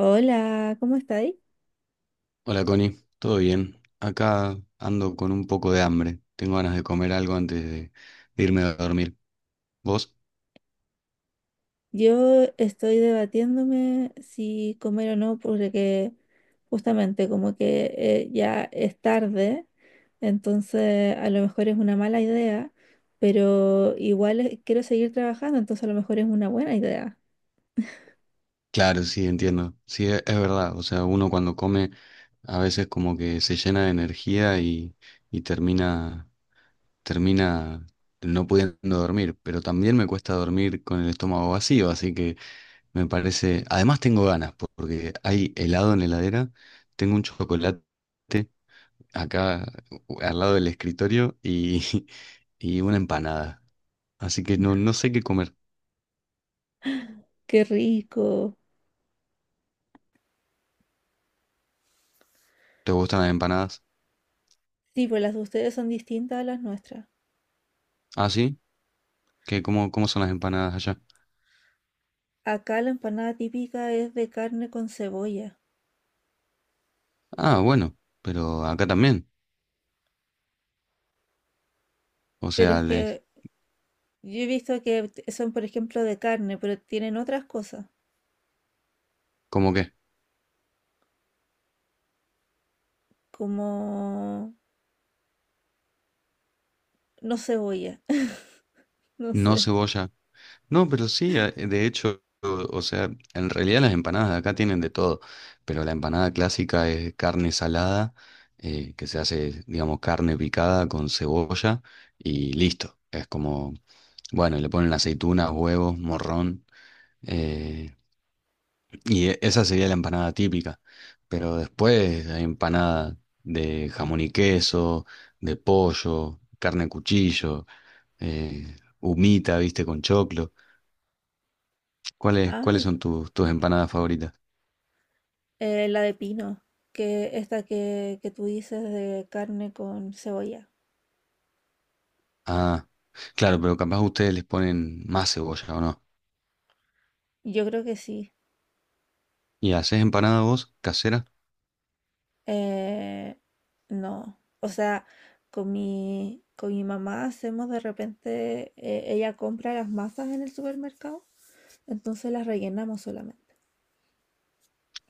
Hola, ¿cómo estáis? Hola Connie, ¿todo bien? Acá ando con un poco de hambre. Tengo ganas de comer algo antes de irme a dormir. ¿Vos? Yo estoy debatiéndome si comer o no, porque justamente como que ya es tarde, entonces a lo mejor es una mala idea, pero igual quiero seguir trabajando, entonces a lo mejor es una buena idea. Claro, sí, entiendo. Sí, es verdad. O sea, uno cuando come a veces como que se llena de energía y termina no pudiendo dormir. Pero también me cuesta dormir con el estómago vacío, así que me parece. Además tengo ganas porque hay helado en la heladera, tengo un chocolate acá al lado del escritorio y, y una empanada. Así que no sé qué comer. ¡Qué rico! ¿Te gustan las empanadas? Sí, pues las de ustedes son distintas a las nuestras. Ah, sí. ¿ ¿Cómo son las empanadas allá? Acá la empanada típica es de carne con cebolla, Ah, bueno, pero acá también. O pero sea, es les, que yo he visto que son, por ejemplo, de carne, pero tienen otras cosas. ¿cómo qué? Como no cebolla, no No sé. cebolla. No, pero sí, de hecho, o sea, en realidad las empanadas de acá tienen de todo. Pero la empanada clásica es carne salada, que se hace, digamos, carne picada con cebolla y listo. Es como. Bueno, y le ponen aceitunas, huevos, morrón. eh, y esa sería la empanada típica. Pero después hay empanada de jamón y queso, de pollo, carne de cuchillo, humita, viste, con choclo. ¿Cuáles Ay, son tus empanadas favoritas? La de pino, que esta que tú dices de carne con cebolla. Ah, claro, pero capaz ustedes les ponen más cebolla, ¿o no? Yo creo que sí. ¿Y haces empanada vos, casera? Eh, no, o sea, con mi mamá hacemos de repente, ella compra las masas en el supermercado, entonces las rellenamos solamente.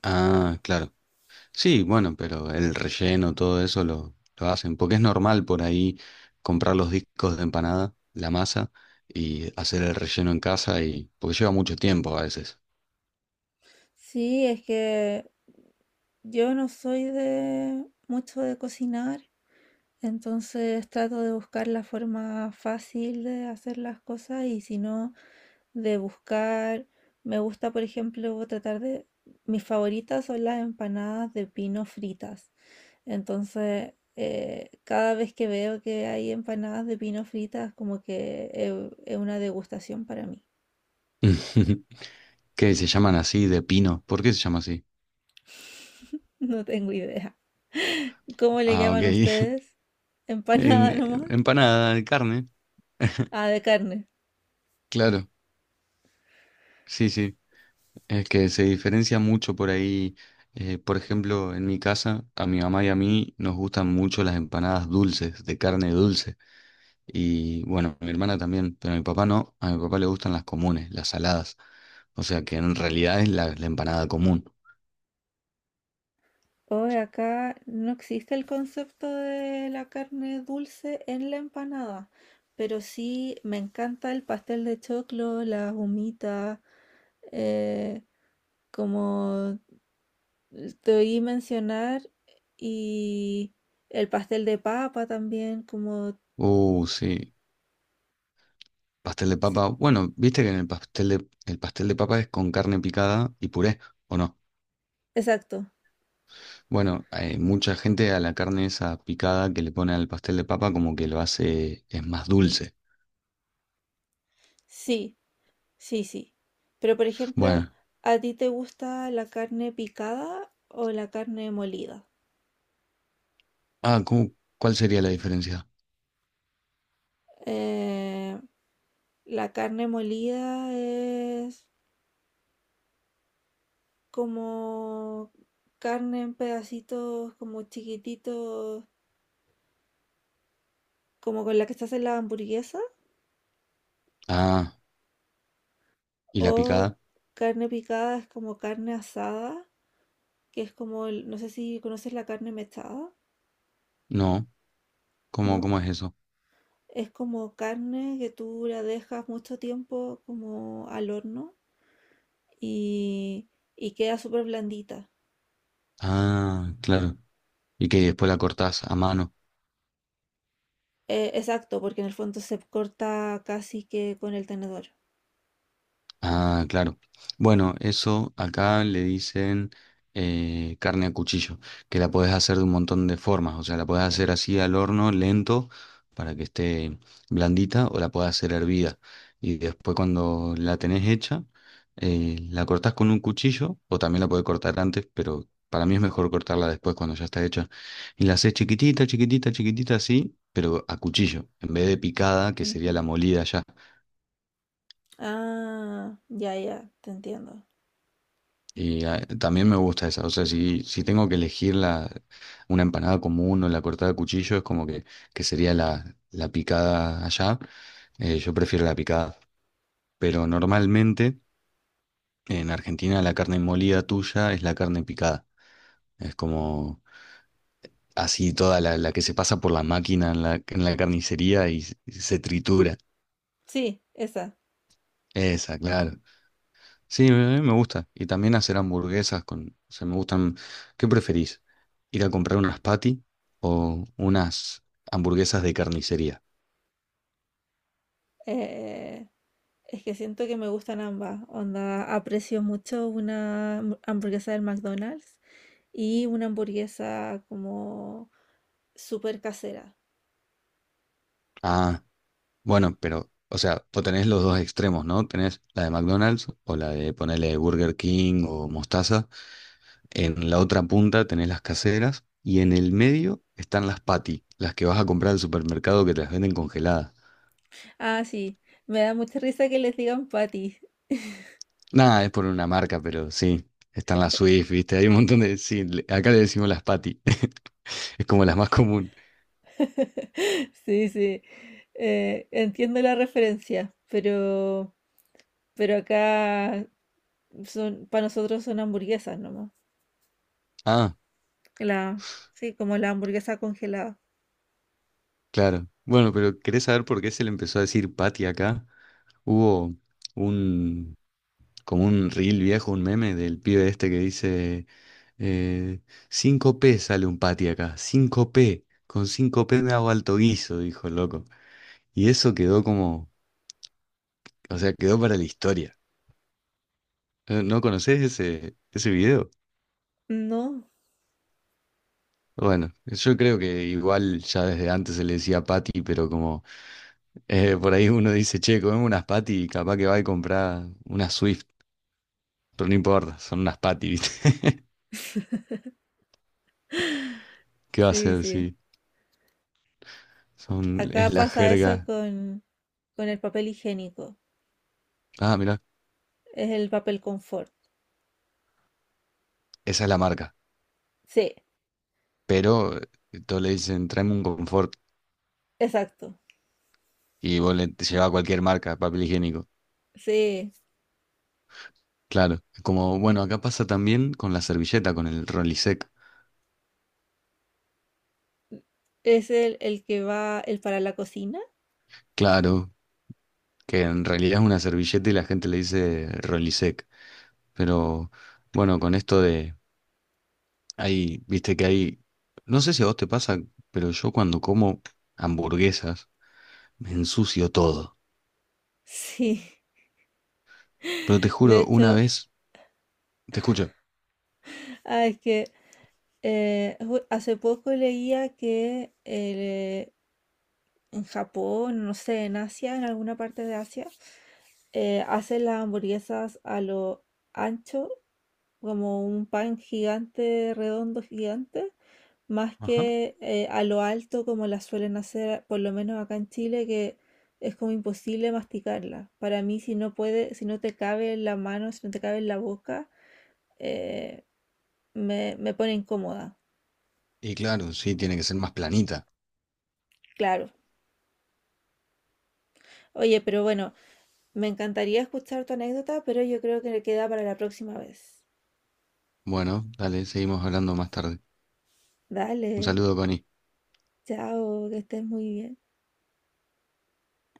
Ah, claro. Sí, bueno, pero el relleno, todo eso lo hacen, porque es normal por ahí comprar los discos de empanada, la masa, y hacer el relleno en casa, y porque lleva mucho tiempo a veces. Sí, es que yo no soy de mucho de cocinar. Entonces trato de buscar la forma fácil de hacer las cosas y si no, de buscar, me gusta por ejemplo tratar de, mis favoritas son las empanadas de pino fritas. Entonces, cada vez que veo que hay empanadas de pino fritas, como que es una degustación para mí. ¿Qué se llaman así de pino? ¿Por qué se llama así? No tengo idea. ¿Cómo le Ah, ok. llaman ustedes? ¿Empanada En- nomás? Empanada de carne. Ah, de carne. Claro, sí, sí. Es que se diferencia mucho por ahí. Por ejemplo, en mi casa, a mi mamá y a mí nos gustan mucho las empanadas dulces, de carne dulce. Y bueno, mi hermana también, pero a mi papá no. A mi papá le gustan las comunes, las saladas. O sea que en realidad es la empanada común. Hoy acá no existe el concepto de la carne dulce en la empanada, pero sí me encanta el pastel de choclo, las humitas, eh, como te oí mencionar, y el pastel de papa también, como... Sí. Pastel de sí, papa. Bueno, viste que en el pastel el pastel de papa es con carne picada y puré, ¿o no? exacto, Bueno, hay mucha gente a la carne esa picada que le pone al pastel de papa como que lo hace, es más dulce. sí, sí, sí. Pero por ejemplo, Bueno, ¿a ti te gusta la carne picada o la carne molida? ah, ¿cuál sería la diferencia? Eh, La carne molida es como carne en pedacitos como chiquititos, como con la que se hace la hamburguesa, Ah, ¿y la o picada? carne picada es como carne asada, que es como, no sé si conoces la carne mechada, No, ¿ ¿no? ¿Cómo es eso? Es como carne que tú la dejas mucho tiempo como al horno y, y queda súper blandita. Ah, claro. Y que después la cortás a mano. Exacto, porque en el fondo se corta casi que con el tenedor. Ah, claro. Bueno, eso acá le dicen carne a cuchillo, que la podés hacer de un montón de formas. O sea, la podés hacer así al horno, lento, para que esté blandita, o la podés hacer hervida. Y después cuando la tenés hecha, la cortás con un cuchillo, o también la podés cortar antes, pero para mí es mejor cortarla después cuando ya está hecha. Y la hacés chiquitita, chiquitita, chiquitita así, pero a cuchillo, en vez de picada, que sería Ujú. la molida ya. Ah, ya, ya, te entiendo. Y ah, también me gusta esa. O sea, si tengo que elegir una empanada común o la cortada a cuchillo, es como que sería la picada allá. Yo prefiero la picada. Pero normalmente en Argentina la carne molida tuya es la carne picada. Es como así toda la que se pasa por la máquina en en la carnicería y se tritura. Sí, esa. Esa, claro. Sí, me gusta. Y también hacer hamburguesas con, o sea, me gustan. ¿Qué preferís? ¿Ir a comprar unas patty o unas hamburguesas de carnicería? Eh, es que siento que me gustan ambas. Onda, aprecio mucho una hamburguesa del McDonald's y una hamburguesa como súper casera. Ah, bueno, pero, o sea, o tenés los dos extremos, ¿no? Tenés la de McDonald's o la de ponerle Burger King o Mostaza. En la otra punta tenés las caseras y en el medio están las patty, las que vas a comprar al supermercado que te las venden congeladas. Ah, sí, me da mucha risa que les digan patty. Nada, es por una marca, pero sí. Están las Swift, ¿viste? Hay un montón de... Sí, acá le decimos las Patty. Es como las más común. Sí, sí. Entiendo la referencia, pero acá son, para nosotros son hamburguesas nomás. Ah, La, sí, como la hamburguesa congelada. claro. Bueno, pero ¿querés saber por qué se le empezó a decir Patty acá? Hubo un... como un reel viejo, un meme del pibe este que dice... Eh, 5P sale un Patty acá. 5P. Con 5P me hago alto guiso, dijo el loco. Y eso quedó como... O sea, quedó para la historia. ¿No conocés ese video? No. Bueno, yo creo que igual ya desde antes se le decía Patty, pero como por ahí uno dice, che, comemos unas Patty y capaz que va y compra unas Swift, pero no importa, son unas Patty, ¿viste? ¿Qué va a Sí, hacer sí. si Acá es la pasa eso jerga? Con el papel higiénico. Ah, mira, Es el papel confort. esa es la marca, Sí, pero todos le dicen, tráeme un confort exacto. y vos le te llevas cualquier marca, papel higiénico. Sí, Claro, como bueno, acá pasa también con la servilleta, con el Rolisec. es el que va, el para la cocina. Claro, que en realidad es una servilleta y la gente le dice Rolisec. Pero bueno, con esto de, hay, viste que hay, no sé si a vos te pasa, pero yo cuando como hamburguesas me ensucio todo. Sí, Pero te de juro, una hecho, vez, te escucho. ah, es que hace poco leía que en Japón, no sé, en Asia, en alguna parte de Asia, hacen las hamburguesas a lo ancho, como un pan gigante, redondo gigante, más Ajá. que a lo alto como las suelen hacer, por lo menos acá en Chile, que es como imposible masticarla. Para mí, si no puede, si no te cabe en la mano, si no te cabe en la boca, eh, me pone incómoda, Y claro, sí, tiene que ser más planita. claro. Oye, pero bueno, me encantaría escuchar tu anécdota, pero yo creo que le queda para la próxima vez. Bueno, dale, seguimos hablando más tarde. Dale, Un saludo, Connie. chao, que estés muy bien.